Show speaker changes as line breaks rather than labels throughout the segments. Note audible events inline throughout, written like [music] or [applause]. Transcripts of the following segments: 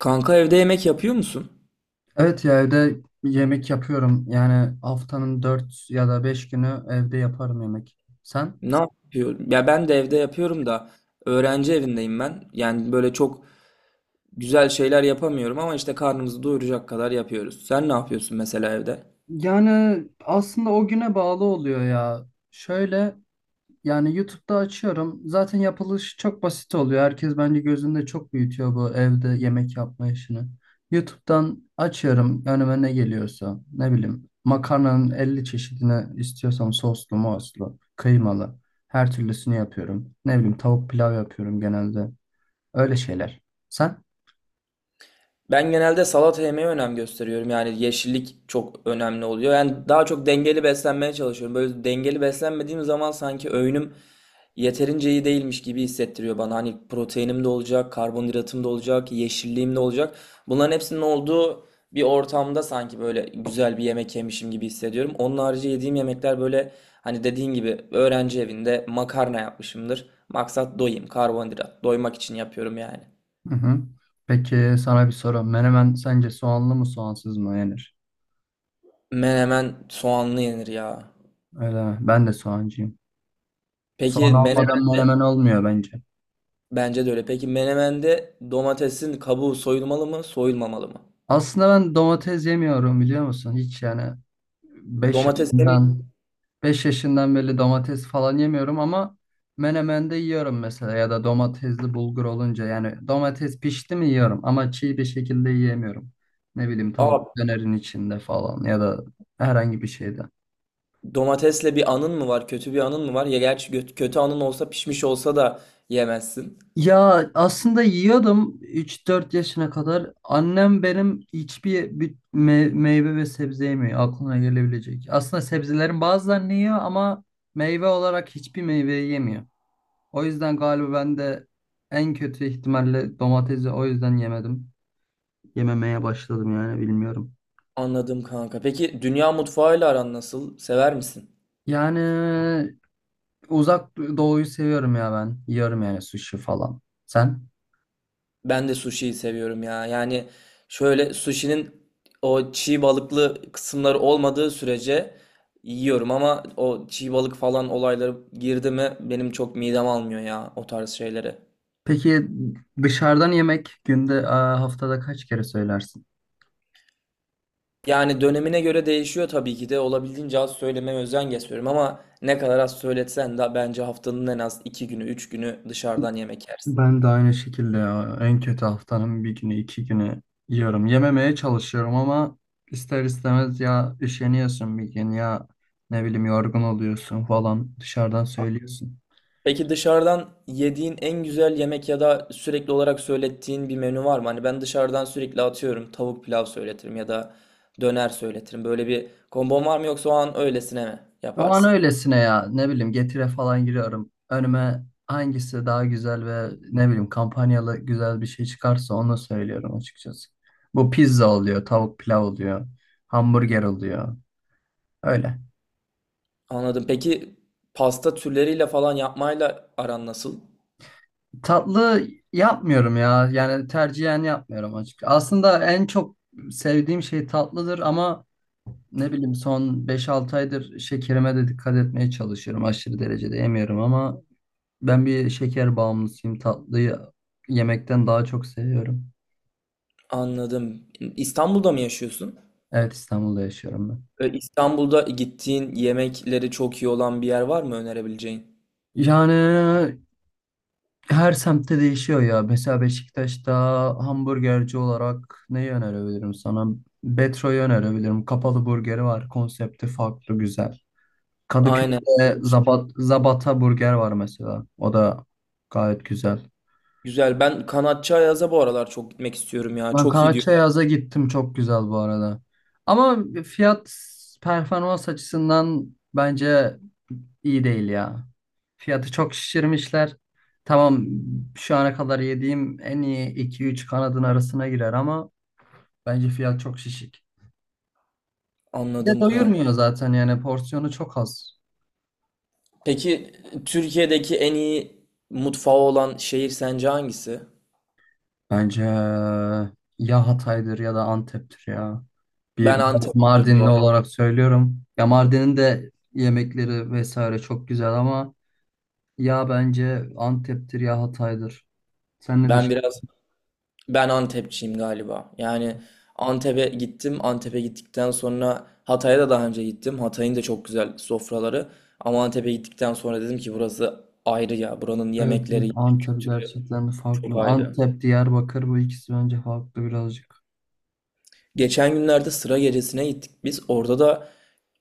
Kanka evde yemek yapıyor musun?
Evet ya evde yemek yapıyorum. Yani haftanın 4 ya da 5 günü evde yaparım yemek. Sen?
Ne yapıyorsun? Ya ben de evde yapıyorum da öğrenci evindeyim ben. Yani böyle çok güzel şeyler yapamıyorum ama işte karnımızı doyuracak kadar yapıyoruz. Sen ne yapıyorsun mesela evde?
Yani aslında o güne bağlı oluyor ya. Şöyle yani YouTube'da açıyorum. Zaten yapılışı çok basit oluyor. Herkes bence gözünde çok büyütüyor bu evde yemek yapma işini. YouTube'dan açıyorum önüme ne geliyorsa. Ne bileyim makarnanın 50 çeşidini istiyorsam soslu, moslu, kıymalı her türlüsünü yapıyorum. Ne bileyim tavuk pilav yapıyorum genelde. Öyle şeyler. Sen?
Ben genelde salata yemeye önem gösteriyorum. Yani yeşillik çok önemli oluyor. Yani daha çok dengeli beslenmeye çalışıyorum. Böyle dengeli beslenmediğim zaman sanki öğünüm yeterince iyi değilmiş gibi hissettiriyor bana. Hani proteinim de olacak, karbonhidratım da olacak, yeşilliğim de olacak. Bunların hepsinin olduğu bir ortamda sanki böyle güzel bir yemek yemişim gibi hissediyorum. Onun harici yediğim yemekler böyle hani dediğin gibi öğrenci evinde makarna yapmışımdır. Maksat doyayım, karbonhidrat. Doymak için yapıyorum yani.
Hı hı. Peki sana bir soru. Menemen sence soğanlı mı soğansız mı yenir?
Menemen soğanlı yenir ya.
Öyle mi? Ben de soğancıyım.
Peki
Soğan almadan
menemende
menemen olmuyor bence.
Bence de öyle. Peki menemende domatesin kabuğu soyulmalı mı, soyulmamalı mı?
Aslında ben domates yemiyorum biliyor musun? Hiç yani 5
Domates demeyin.
yaşından 5 yaşından beri domates falan yemiyorum ama menemende yiyorum mesela ya da domatesli bulgur olunca yani domates pişti mi yiyorum ama çiğ bir şekilde yiyemiyorum. Ne bileyim tavuk
Aa,
dönerin içinde falan ya da herhangi bir şeyde.
domatesle bir anın mı var? Kötü bir anın mı var? Ya gerçi kötü anın olsa pişmiş olsa da yemezsin.
Ya aslında yiyordum 3 4 yaşına kadar. Annem benim hiçbir meyve ve sebze yemiyor aklına gelebilecek. Aslında sebzelerin bazılarını yiyor ama meyve olarak hiçbir meyveyi yemiyor. O yüzden galiba ben de en kötü ihtimalle domatesi o yüzden yemedim. Yememeye başladım yani bilmiyorum.
Anladım kanka. Peki dünya mutfağıyla aran nasıl? Sever misin?
Yani uzak doğuyu seviyorum ya ben. Yiyorum yani sushi falan. Sen?
Ben de sushi'yi seviyorum ya. Yani şöyle sushi'nin o çiğ balıklı kısımları olmadığı sürece yiyorum ama o çiğ balık falan olayları girdi mi benim çok midem almıyor ya o tarz şeyleri.
Peki dışarıdan yemek günde, haftada kaç kere söylersin?
Yani dönemine göre değişiyor tabii ki de olabildiğince az söylemeye özen gösteriyorum ama ne kadar az söyletsen de bence haftanın en az iki günü üç günü dışarıdan yemek yersin.
Ben de aynı şekilde ya. En kötü haftanın bir günü, 2 günü yiyorum. Yememeye çalışıyorum ama ister istemez ya üşeniyorsun bir gün ya ne bileyim yorgun oluyorsun falan dışarıdan söylüyorsun.
Peki dışarıdan yediğin en güzel yemek ya da sürekli olarak söylettiğin bir menü var mı? Hani ben dışarıdan sürekli atıyorum tavuk pilav söyletirim ya da döner söyletirim. Böyle bir kombon var mı yoksa o an öylesine mi
O an
yaparsın?
öylesine ya ne bileyim Getire falan giriyorum. Önüme hangisi daha güzel ve ne bileyim kampanyalı güzel bir şey çıkarsa onu söylüyorum açıkçası. Bu pizza oluyor, tavuk pilav oluyor, hamburger oluyor. Öyle.
Anladım. Peki pasta türleriyle falan yapmayla aran nasıl?
Tatlı yapmıyorum ya. Yani tercihen yapmıyorum açık. Aslında en çok sevdiğim şey tatlıdır ama ne bileyim son 5 6 aydır şekerime de dikkat etmeye çalışıyorum. Aşırı derecede yemiyorum ama ben bir şeker bağımlısıyım. Tatlıyı yemekten daha çok seviyorum.
Anladım. İstanbul'da mı yaşıyorsun?
Evet, İstanbul'da yaşıyorum ben.
İstanbul'da gittiğin yemekleri çok iyi olan bir yer var mı önerebileceğin?
Yani her semtte değişiyor ya. Mesela Beşiktaş'ta hamburgerci olarak neyi önerebilirim sana? Betro'yu önerebilirim. Kapalı burgeri var. Konsepti farklı, güzel.
Aynen.
Kadıköy'de Zabat, Zabata Burger var mesela. O da gayet güzel.
Güzel. Ben Kanatçı Ayaz'a bu aralar çok gitmek istiyorum ya.
Ben
Çok iyi diyor.
Karaçayaz'a gittim, çok güzel bu arada. Ama fiyat performans açısından bence iyi değil ya. Fiyatı çok şişirmişler. Tamam, şu ana kadar yediğim en iyi iki üç kanadın arasına girer ama bence fiyat çok şişik. Bir de
Anladım kanka.
doyurmuyor zaten yani porsiyonu çok az.
Peki Türkiye'deki en iyi mutfağı olan şehir sence hangisi?
Bence ya Hatay'dır ya da Antep'tir ya. Bir
Ben Antepçiyim bu
Mardinli
arada.
olarak söylüyorum. Ya Mardin'in de yemekleri vesaire çok güzel ama ya bence Antep'tir ya Hatay'dır. Sen ne
Ben
düşünüyorsun?
biraz ben Antepçiyim galiba. Yani Antep'e gittim. Antep'e gittikten sonra Hatay'a da daha önce gittim. Hatay'ın da çok güzel sofraları. Ama Antep'e gittikten sonra dedim ki burası ayrı ya. Buranın
Evet,
yemekleri,
evet,
yemek
Antep
kültürü
gerçekten de
çok
farklı.
ayrı.
Antep, Diyarbakır bu ikisi bence farklı birazcık.
Geçen günlerde sıra gecesine gittik biz. Orada da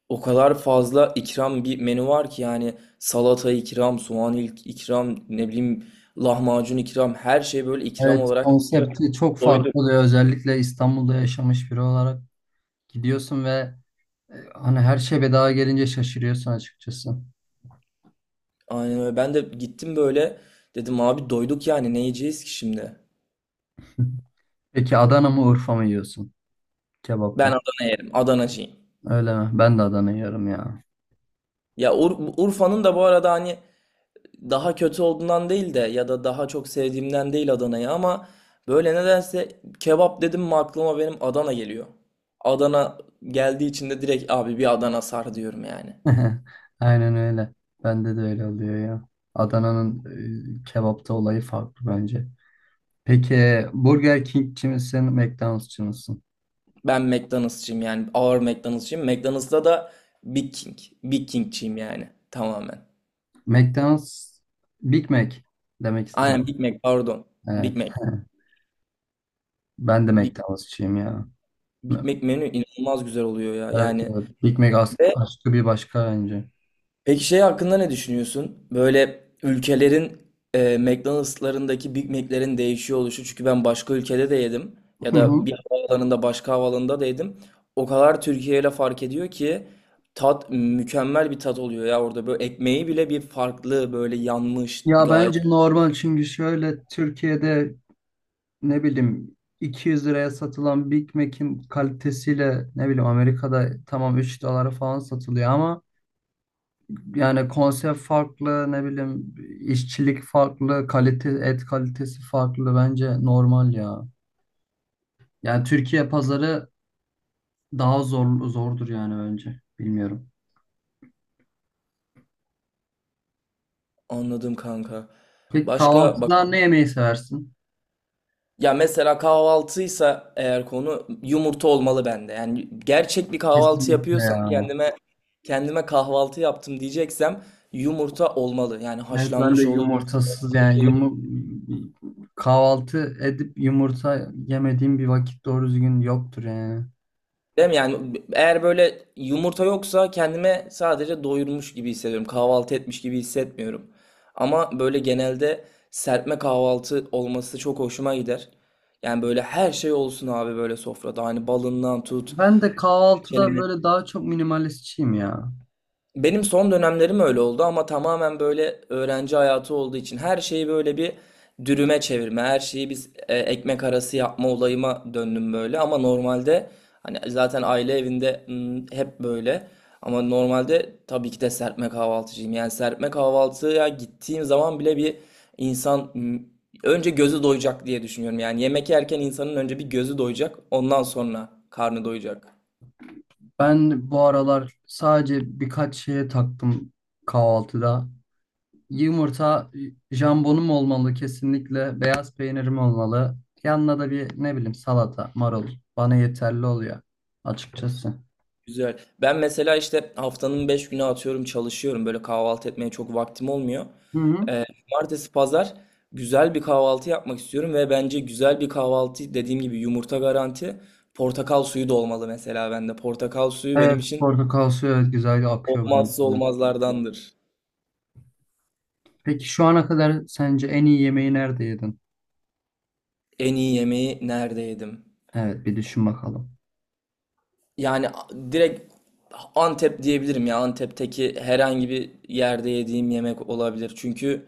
o kadar fazla ikram bir menü var ki yani salata ikram, soğan ilk ikram, ne bileyim lahmacun ikram her şey böyle ikram
Evet,
olarak geliyor.
konsepti çok farklı
Doyduk.
oluyor. Özellikle İstanbul'da yaşamış biri olarak gidiyorsun ve hani her şey bedava gelince şaşırıyorsun açıkçası.
Aynen öyle. Ben de gittim böyle dedim abi doyduk yani ne yiyeceğiz ki şimdi?
[laughs] Peki Adana mı Urfa mı yiyorsun
Ben
kebapta?
Adana yerim. Adanacıyım.
Öyle mi? Ben de Adana yiyorum ya.
Ya Urfa'nın da bu arada hani daha kötü olduğundan değil de ya da daha çok sevdiğimden değil Adana'yı ama böyle nedense kebap dedim mi aklıma benim Adana geliyor. Adana geldiği için de direkt abi bir Adana sar diyorum yani.
[laughs] Aynen öyle. Bende de öyle oluyor ya. Adana'nın kebapta olayı farklı bence. Peki Burger King'ci misin, McDonald'sçı mısın?
Ben McDonald'sçıyım yani ağır McDonald'sçıyım. McDonald's'ta da Big King. Big King'çiyim yani tamamen.
McDonald's, Big Mac demek
Aynen
istedim.
Big Mac pardon. Big
Evet.
Mac.
[laughs] Ben de
Big,
McDonald'sçıyım ya.
Big Mac menü inanılmaz güzel oluyor ya.
Evet,
Yani
evet. Big Mac
ve.
aşkı bir başka bence.
Peki şey hakkında ne düşünüyorsun? Böyle ülkelerin McDonald'slarındaki Big Mac'lerin değişiyor oluşu. Çünkü ben başka ülkede de yedim. Ya
Hı hı.
da bir havaalanında başka havaalanında da yedim. O kadar Türkiye ile fark ediyor ki tat mükemmel bir tat oluyor ya orada. Böyle ekmeği bile bir farklı böyle yanmış
Ya
gayet.
bence normal çünkü şöyle Türkiye'de ne bileyim 200 liraya satılan Big Mac'in kalitesiyle ne bileyim Amerika'da tamam 3 dolara falan satılıyor ama yani konsept farklı, ne bileyim işçilik farklı, kalite, et kalitesi farklı, bence normal ya. Yani Türkiye pazarı daha zordur yani, bence bilmiyorum.
Anladım kanka.
Peki
Başka bak.
kahvaltıda ne yemeyi seversin?
Ya mesela kahvaltıysa eğer konu yumurta olmalı bende. Yani gerçek bir kahvaltı
Kesinlikle
yapıyorsam
ya.
kendime kahvaltı yaptım diyeceksem yumurta olmalı. Yani
Evet ben de
haşlanmış olur,
yumurtasız,
ıslatılmış
yani
olur.
kahvaltı edip yumurta yemediğim bir vakit doğru düzgün yoktur yani.
Değil mi? Yani eğer böyle yumurta yoksa kendime sadece doyurmuş gibi hissediyorum. Kahvaltı etmiş gibi hissetmiyorum. Ama böyle genelde serpme kahvaltı olması çok hoşuma gider. Yani böyle her şey olsun abi böyle sofrada. Hani balından tut.
Ben de kahvaltıda böyle daha çok minimalistçiyim ya.
Benim son dönemlerim öyle oldu ama tamamen böyle öğrenci hayatı olduğu için her şeyi böyle bir dürüme çevirme, her şeyi biz ekmek arası yapma olayıma döndüm böyle ama normalde hani zaten aile evinde hep böyle ama normalde tabii ki de serpme kahvaltıcıyım. Yani serpme kahvaltıya gittiğim zaman bile bir insan önce gözü doyacak diye düşünüyorum. Yani yemek yerken insanın önce bir gözü doyacak, ondan sonra karnı doyacak.
Ben bu aralar sadece birkaç şeye taktım kahvaltıda. Yumurta, jambonum olmalı kesinlikle, beyaz peynirim olmalı. Yanına da bir ne bileyim salata, marul bana yeterli oluyor açıkçası.
Güzel. Ben mesela işte haftanın 5 günü atıyorum çalışıyorum. Böyle kahvaltı etmeye çok vaktim olmuyor.
Hı hı.
Ee, cumartesi, pazar güzel bir kahvaltı yapmak istiyorum ve bence güzel bir kahvaltı dediğim gibi yumurta garanti. Portakal suyu da olmalı mesela bende. Portakal suyu
Evet,
benim için
portakal suyu, evet, güzel akıyor
olmazsa
bence.
olmazlardandır.
Peki şu ana kadar sence en iyi yemeği nerede yedin?
En iyi yemeği nerede yedim?
Evet, bir düşün bakalım.
Yani direkt Antep diyebilirim ya. Antep'teki herhangi bir yerde yediğim yemek olabilir. Çünkü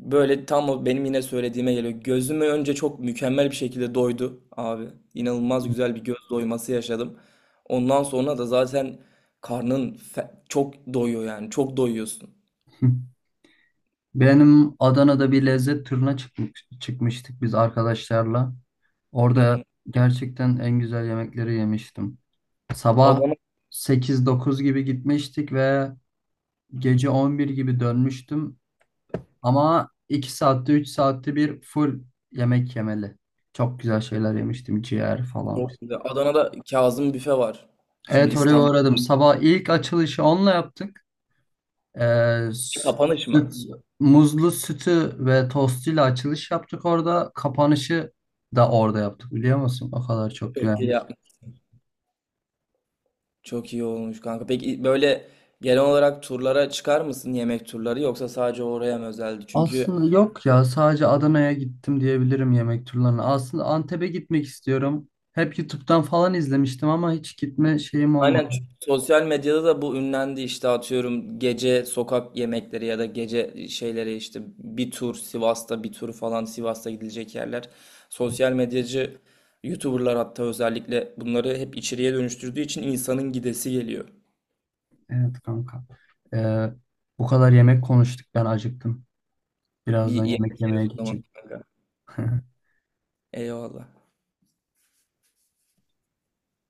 böyle tam o benim yine söylediğime geliyor. Gözümü önce çok mükemmel bir şekilde doydu abi. İnanılmaz güzel bir göz doyması yaşadım. Ondan sonra da zaten karnın çok doyuyor yani. Çok doyuyorsun.
[laughs] Benim Adana'da bir lezzet turuna çıkmıştık biz arkadaşlarla.
Hı
Orada
hı.
gerçekten en güzel yemekleri yemiştim. Sabah
Adana
8 9 gibi gitmiştik ve gece 11 gibi dönmüştüm. Ama 2 saatte 3 saatte bir full yemek yemeli. Çok güzel şeyler yemiştim, ciğer falan.
çok güzel. Adana'da Kazım Büfe var. Şimdi
Evet, oraya
İstanbul'da
uğradım. Sabah ilk açılışı onunla yaptık. Ee,
kapanış mı?
süt, muzlu sütü ve tostuyla açılış yaptık orada. Kapanışı da orada yaptık biliyor musun? O kadar çok
Çok iyi
güvenmiş.
yapmış. Çok iyi olmuş kanka. Peki böyle genel olarak turlara çıkar mısın yemek turları yoksa sadece oraya mı özeldi? Çünkü.
Aslında yok ya, sadece Adana'ya gittim diyebilirim yemek turlarına. Aslında Antep'e gitmek istiyorum. Hep YouTube'dan falan izlemiştim ama hiç gitme şeyim
Aynen çünkü
olmadı.
sosyal medyada da bu ünlendi işte atıyorum gece sokak yemekleri ya da gece şeyleri işte bir tur Sivas'ta bir tur falan Sivas'ta gidilecek yerler. Sosyal medyacı YouTuber'lar hatta özellikle bunları hep içeriye dönüştürdüğü için insanın gidesi geliyor.
Evet kanka. Ee, bu kadar yemek konuştuk, ben acıktım.
Bir
Birazdan
yemek
yemek
yeriz
yemeye
o zaman
geçeyim.
kanka.
[laughs]
Eyvallah.